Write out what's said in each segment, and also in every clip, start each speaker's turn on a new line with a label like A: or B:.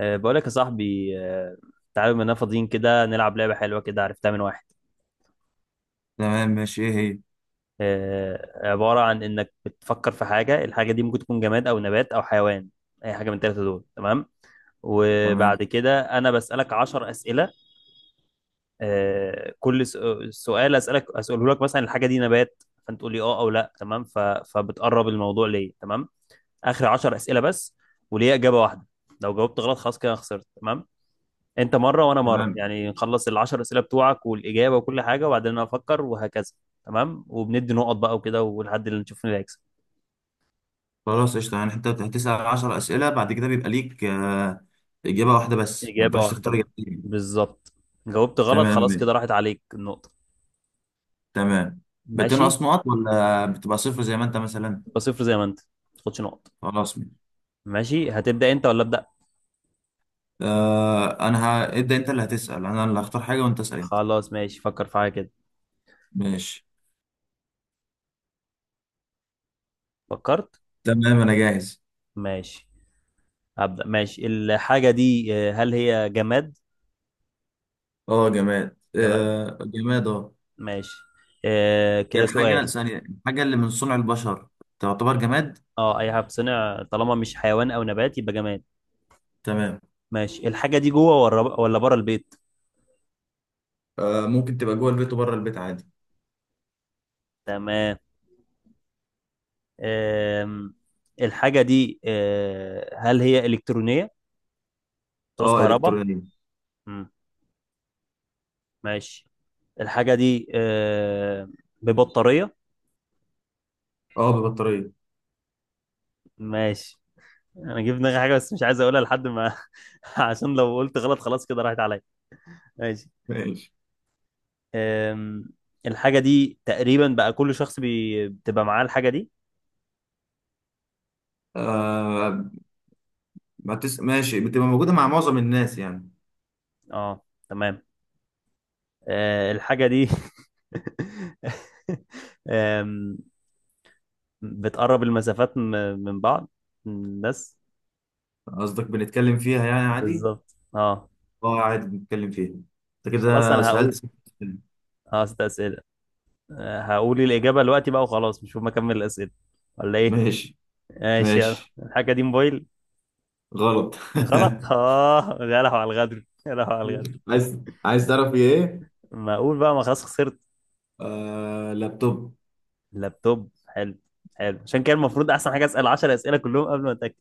A: بقولك يا صاحبي، تعالى بما اننا فاضيين كده، نلعب لعبة حلوة كده عرفتها من واحد.
B: تمام ماشي، ايه هي؟
A: عبارة عن انك بتفكر في حاجة. الحاجة دي ممكن تكون جماد او نبات او حيوان، اي حاجة من الثلاثة دول. تمام. وبعد
B: تمام.
A: كده انا بسألك عشر أسئلة. أه كل س- سؤال اسألك اسأله لك، مثلا الحاجة دي نبات فانت تقول لي اه او لا. تمام. فبتقرب الموضوع ليه. تمام. اخر عشر أسئلة بس، وليه إجابة واحدة. لو جاوبت غلط خلاص كده أنا خسرت. تمام، انت مره وانا مره،
B: تمام.
A: يعني نخلص العشر اسئله بتوعك والاجابه وكل حاجه وبعدين انا افكر وهكذا. تمام، وبندي نقط بقى وكده، ولحد اللي نشوف مين اللي هيكسب.
B: خلاص قشطة، يعني انت هتسأل 10 أسئلة بعد كده بيبقى ليك إجابة واحدة بس، ما
A: اجابه
B: ينفعش تختار
A: واحده
B: إجابتين.
A: بالظبط. جاوبت غلط
B: تمام.
A: خلاص كده راحت عليك النقطه.
B: تمام.
A: ماشي،
B: بتنقص نقط ولا بتبقى صفر زي ما انت مثلا؟
A: يبقى صفر زي ما انت ما تاخدش نقط.
B: خلاص ماشي.
A: ماشي، هتبدا انت ولا ابدا؟
B: ابدأ، انت اللي هتسأل انا اللي هختار حاجة، وانت اسأل انت.
A: خلاص ماشي، فكر في حاجه كده.
B: ماشي.
A: فكرت.
B: تمام انا جاهز.
A: ماشي، هبدا. ماشي، الحاجه دي هل هي جماد؟
B: اه جماد،
A: جماد.
B: آه جماد اه.
A: ماشي. اه،
B: هي
A: كده سؤال.
B: الحاجة ثانية، الحاجة اللي من صنع البشر تعتبر جماد؟
A: اه، اي حاجه بتصنع طالما مش حيوان او نبات يبقى جماد.
B: تمام.
A: ماشي، الحاجة دي جوه ولا بره البيت؟
B: آه ممكن تبقى جوه البيت وبره البيت عادي.
A: تمام. أم... الحاجة دي هل هي إلكترونية؟ بتعوز
B: اه
A: كهرباء؟
B: الكترونية.
A: مم. ماشي، الحاجة دي ببطارية؟
B: اه ببطارية.
A: ماشي. أنا جبت دماغي حاجة بس مش عايز أقولها لحد ما. عشان لو قلت غلط خلاص كده راحت عليا. ماشي.
B: ماشي.
A: أم... الحاجة دي تقريبا بقى كل بتبقى معاه الحاجة دي.
B: آه ما تس... ماشي، بتبقى موجودة مع معظم الناس يعني.
A: اه تمام. الحاجة دي أم، بتقرب من بعض بس.
B: قصدك بنتكلم فيها يعني عادي؟
A: بالظبط اه.
B: اه عادي بنتكلم فيها. انت
A: خلاص
B: كده
A: انا
B: سألت
A: هقول.
B: ست أسئلة.
A: اه، ست اسئله. هقول الاجابه دلوقتي بقى وخلاص، مش هما اكمل الاسئله ولا ايه؟
B: ماشي.
A: ماشي، يلا،
B: ماشي.
A: الحاجه دي موبايل؟
B: غلط.
A: غلط. اه، يا لهو على الغدر، يا لهو على الغدر.
B: عايز، عايز تعرف ايه؟
A: ما اقول بقى، ما خلاص خسرت.
B: آه لابتوب.
A: لابتوب؟ حلو، حلو. عشان كده المفروض احسن حاجه اسال 10 اسئله كلهم قبل ما اتاكد.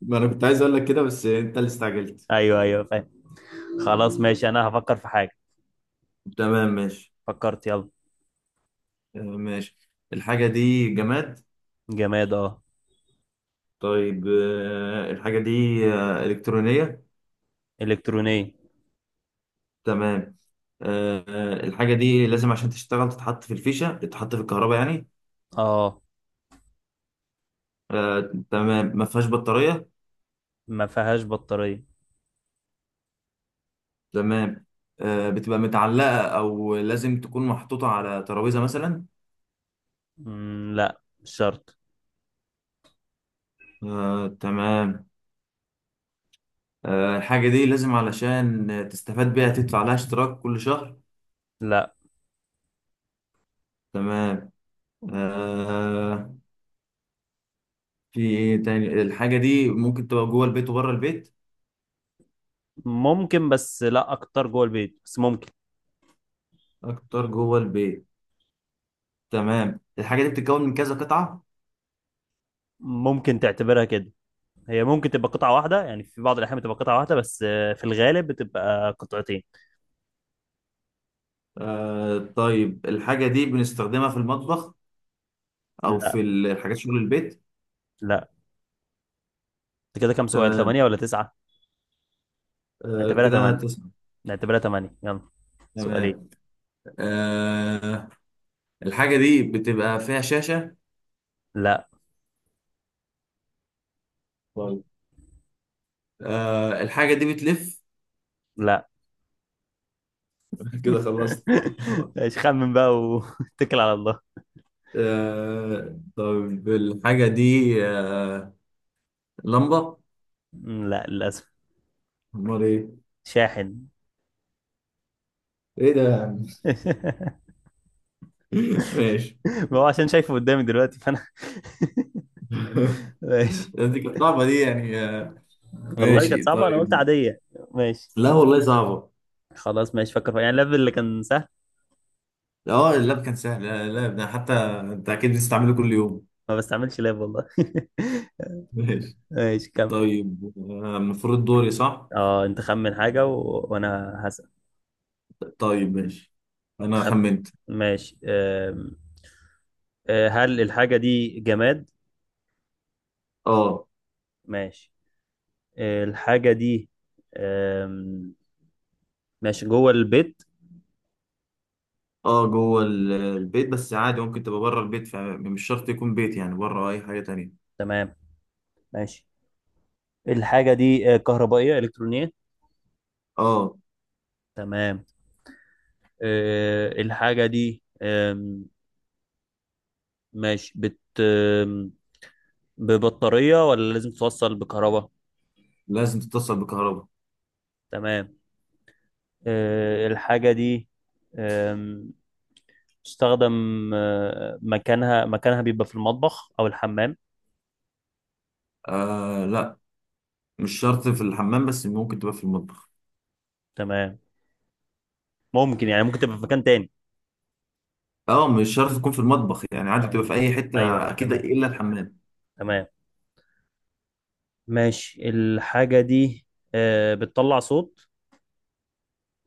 B: ما انا كنت عايز اقول لك كده بس انت اللي استعجلت.
A: ايوه ايوه فاهم. خلاص ماشي، انا هفكر في حاجه.
B: تمام ماشي.
A: فكرت يلا.
B: آه ماشي. الحاجة دي جماد.
A: جماد اه.
B: طيب، آه الحاجة دي آه إلكترونية.
A: الكترونيه.
B: تمام. آه، الحاجة دي لازم عشان تشتغل تتحط في الفيشة، تتحط في الكهرباء يعني.
A: اه
B: آه، تمام. ما فيهاش بطارية.
A: ما فيهاش بطاريه.
B: تمام. آه، بتبقى متعلقة أو لازم تكون محطوطة على ترابيزة مثلا؟
A: مم، لا مش شرط.
B: آه، تمام. آه، الحاجة دي لازم علشان تستفاد بيها تدفع لها اشتراك كل شهر؟
A: لا
B: تمام. آه، في إيه تاني؟ الحاجة دي ممكن تبقى جوه البيت وبره البيت؟
A: ممكن، بس لا، اكتر جوه البيت بس ممكن.
B: أكتر جوه البيت. تمام. الحاجة دي بتتكون من كذا قطعة.
A: ممكن تعتبرها كده، هي ممكن تبقى قطعة واحدة يعني، في بعض الأحيان بتبقى قطعة واحدة بس، في الغالب بتبقى قطعتين.
B: آه طيب الحاجة دي بنستخدمها في المطبخ أو
A: لا.
B: في الحاجات شغل البيت؟
A: لا. انت كده كام سؤال،
B: تمام.
A: ثمانية ولا تسعة؟
B: آه
A: نعتبرها
B: كده
A: ثمانية.
B: تسعة.
A: نعتبرها ثمانية يلا. سؤالين.
B: تمام. آه الحاجة دي بتبقى فيها شاشة.
A: لا.
B: طيب. آه الحاجة دي بتلف.
A: لا.
B: كده خلصت.
A: ايش، خمن بقى واتكل على الله.
B: آه طيب الحاجة دي آه لمبة.
A: مم، لا للأسف.
B: أمال إيه؟
A: شاحن.
B: إيه ده يا عم؟ ماشي.
A: ما هو عشان شايفه قدامي دلوقتي فأنا. ماشي.
B: دي كانت صعبة دي يعني آه.
A: والله كانت
B: ماشي
A: صعبة، أنا قلت
B: طيب.
A: عادية. ماشي.
B: لا والله صعبة.
A: خلاص ماشي، فكر فيها. يعني اللاب اللي كان سهل.
B: اه اللاب كان سهل، لا لا، ده حتى انت اكيد بتستعمله كل يوم.
A: ما بستعملش لاب والله.
B: ماشي.
A: ماشي، كم.
B: طيب آه، المفروض دوري صح.
A: اه أنت خمن حاجة وأنا هسأل.
B: طيب ماشي. انا
A: خم...
B: خمنت.
A: ماشي. هل الحاجة دي جماد؟
B: اه.
A: ماشي. الحاجة دي أم... ماشي، جوه البيت.
B: اه جوه البيت بس عادي، ممكن تبقى بره البيت فمش شرط يكون بيت، يعني بره اي حاجه تانية.
A: تمام. ماشي، الحاجة دي كهربائية إلكترونية.
B: اه
A: تمام. الحاجة دي ماشي, ببطارية ولا لازم توصل بكهرباء؟
B: لازم تتصل بكهرباء.
A: تمام. الحاجة دي آم، تستخدم. مكانها مكانها بيبقى في المطبخ أو الحمام.
B: آه لا مش شرط في الحمام، بس ممكن تبقى في المطبخ.
A: تمام. ممكن، يعني ممكن تبقى في مكان تاني.
B: اه مش شرط تكون في المطبخ، يعني عادي بتبقى
A: اه
B: في اي
A: أيوه
B: حته
A: أيوه
B: اكيد
A: تمام.
B: الا الحمام.
A: تمام. ماشي، الحاجة دي بتطلع صوت.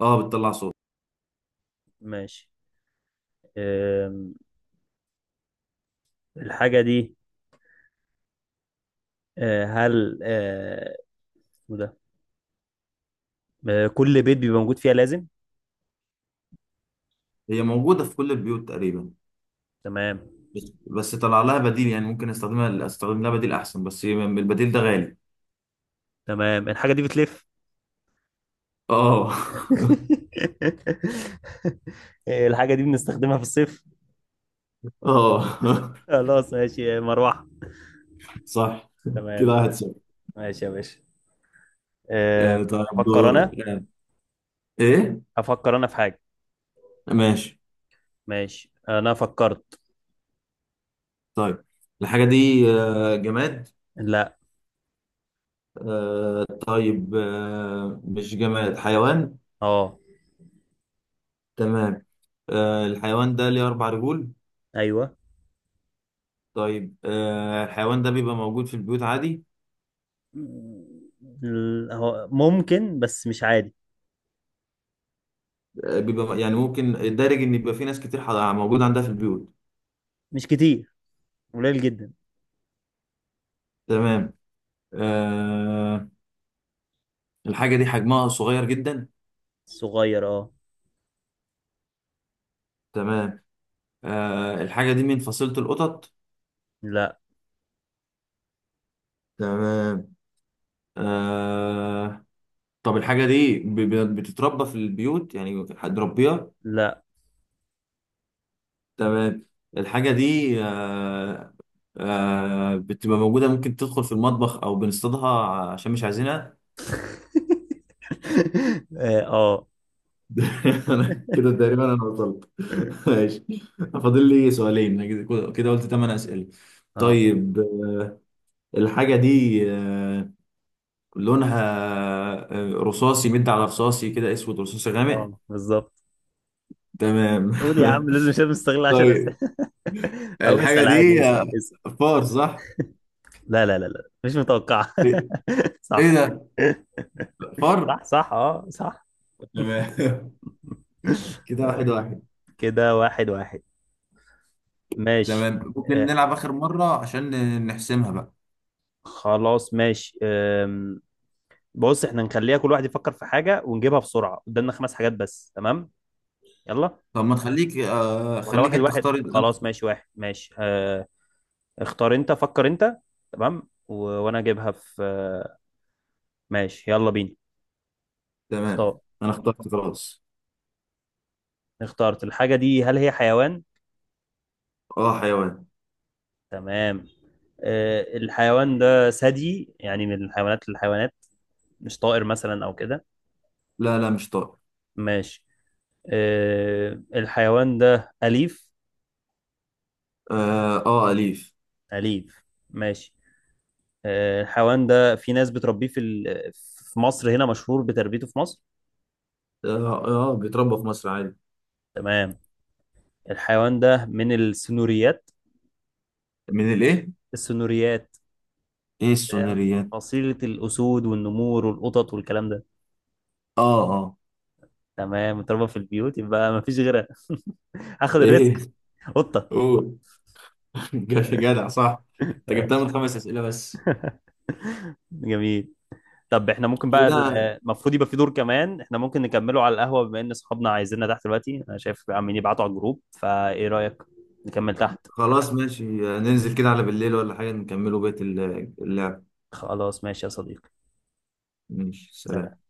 B: اه بتطلع صوت.
A: ماشي. آم، الحاجة دي آه، هل آه، اسمه ده. كل بيت بيبقى موجود فيها لازم.
B: هي موجوده في كل البيوت تقريبا،
A: تمام.
B: بس بس طلع لها بديل، يعني ممكن استخدمها، استخدم لها بديل احسن بس البديل ده غالي.
A: تمام، الحاجة دي بتلف.
B: اه.
A: الحاجة دي بنستخدمها في الصيف.
B: اه.
A: خلاص ماشي، مروحة.
B: صح.
A: تمام.
B: كده واحد
A: فل.
B: صفر.
A: ماشي يا باشا. آه،
B: آه، طيب
A: أفكر
B: دور
A: أنا
B: آه، ايه؟
A: أفكر أنا في حاجة.
B: ماشي.
A: ماشي، أنا فكرت.
B: طيب الحاجة دي آه، جماد.
A: لا.
B: آه، طيب آه، مش جماد، حيوان.
A: أه.
B: تمام. آه، الحيوان ده ليه أربع رجول.
A: أيوه.
B: طيب آه، الحيوان ده بيبقى موجود في البيوت عادي؟
A: هو ممكن بس مش عادي.
B: آه، بيبقى يعني ممكن الدارج إن يبقى في ناس كتير موجود عندها في البيوت.
A: مش كتير، قليل جدا.
B: تمام. آه الحاجة دي حجمها صغير جدا.
A: صغير أه.
B: تمام. آه الحاجة دي من فصيلة القطط.
A: لا.
B: تمام. آه طب الحاجة دي بتتربى في البيوت، يعني حد ربيها.
A: لا.
B: تمام. الحاجة دي آه، آه بتبقى موجودة ممكن تدخل في المطبخ أو بنصطادها عشان مش عايزينها.
A: أه أه.
B: أنا كده تقريبا أنا وصلت. ماشي. فاضل لي سؤالين، أنا كده كده قلت 8 أسئلة.
A: أه.
B: طيب الحاجة دي لونها آه، رصاصي، مد على رصاصي كده، اسود رصاصي غامق.
A: بالظبط.
B: تمام.
A: قول يا عم، لازم مش مستغل 10 أسئلة.
B: طيب
A: أو
B: الحاجة
A: اسأل عادي،
B: دي
A: اسأل.
B: آه، فار صح؟
A: لا لا لا لا، مش متوقعة.
B: ايه؟ إيه
A: صح.
B: ده؟ فار؟
A: صح صح اه صح.
B: تمام. كده واحد واحد.
A: كده واحد واحد. ماشي.
B: تمام، ممكن
A: آه،
B: نلعب آخر مرة عشان نحسمها بقى.
A: خلاص ماشي. بص، احنا نخليها كل واحد يفكر في حاجة ونجيبها بسرعة قدامنا، خمس حاجات بس. تمام يلا.
B: طب ما تخليك آه،
A: ولا
B: خليك
A: واحد
B: انت اختار
A: واحد،
B: انا.
A: خلاص ماشي، واحد ماشي اه. اختار انت، فكر انت. تمام، وانا اجيبها في. ماشي يلا بينا.
B: تمام،
A: اختار.
B: انا اخترت خلاص.
A: اختارت الحاجة دي، هل هي حيوان؟
B: اه حيوان.
A: تمام. الحيوان ده ثدي يعني، من الحيوانات للحيوانات، مش طائر مثلا او كده.
B: لا لا مش طائر.
A: ماشي. الحيوان ده أليف.
B: اه اه أليف.
A: أليف. ماشي. الحيوان ده في ناس بتربيه في مصر، هنا مشهور بتربيته في مصر.
B: اه، آه بيتربى في مصر عادي.
A: تمام. الحيوان ده من السنوريات.
B: من الايه؟
A: السنوريات.
B: ايه
A: آه،
B: السونريات؟
A: فصيلة الأسود والنمور والقطط والكلام ده.
B: اه اه.
A: تمام، متربى في البيوت يبقى مفيش غيرها. هاخد
B: ايه؟
A: الريسك. قطة.
B: قول. جاش جدع صح، انت جبتها
A: ماشي.
B: من خمس اسئله بس.
A: جميل. طب احنا ممكن بقى،
B: كده
A: المفروض يبقى في دور كمان. احنا ممكن نكمله على القهوة، بما ان صحابنا عايزيننا تحت دلوقتي، انا شايف عمالين يبعتوا على الجروب، فايه رأيك، نكمل تحت؟
B: خلاص ماشي، ننزل كده على بالليل ولا حاجه نكملوا بقيه اللعب.
A: خلاص ماشي يا صديقي.
B: ماشي
A: سلام.
B: سلام.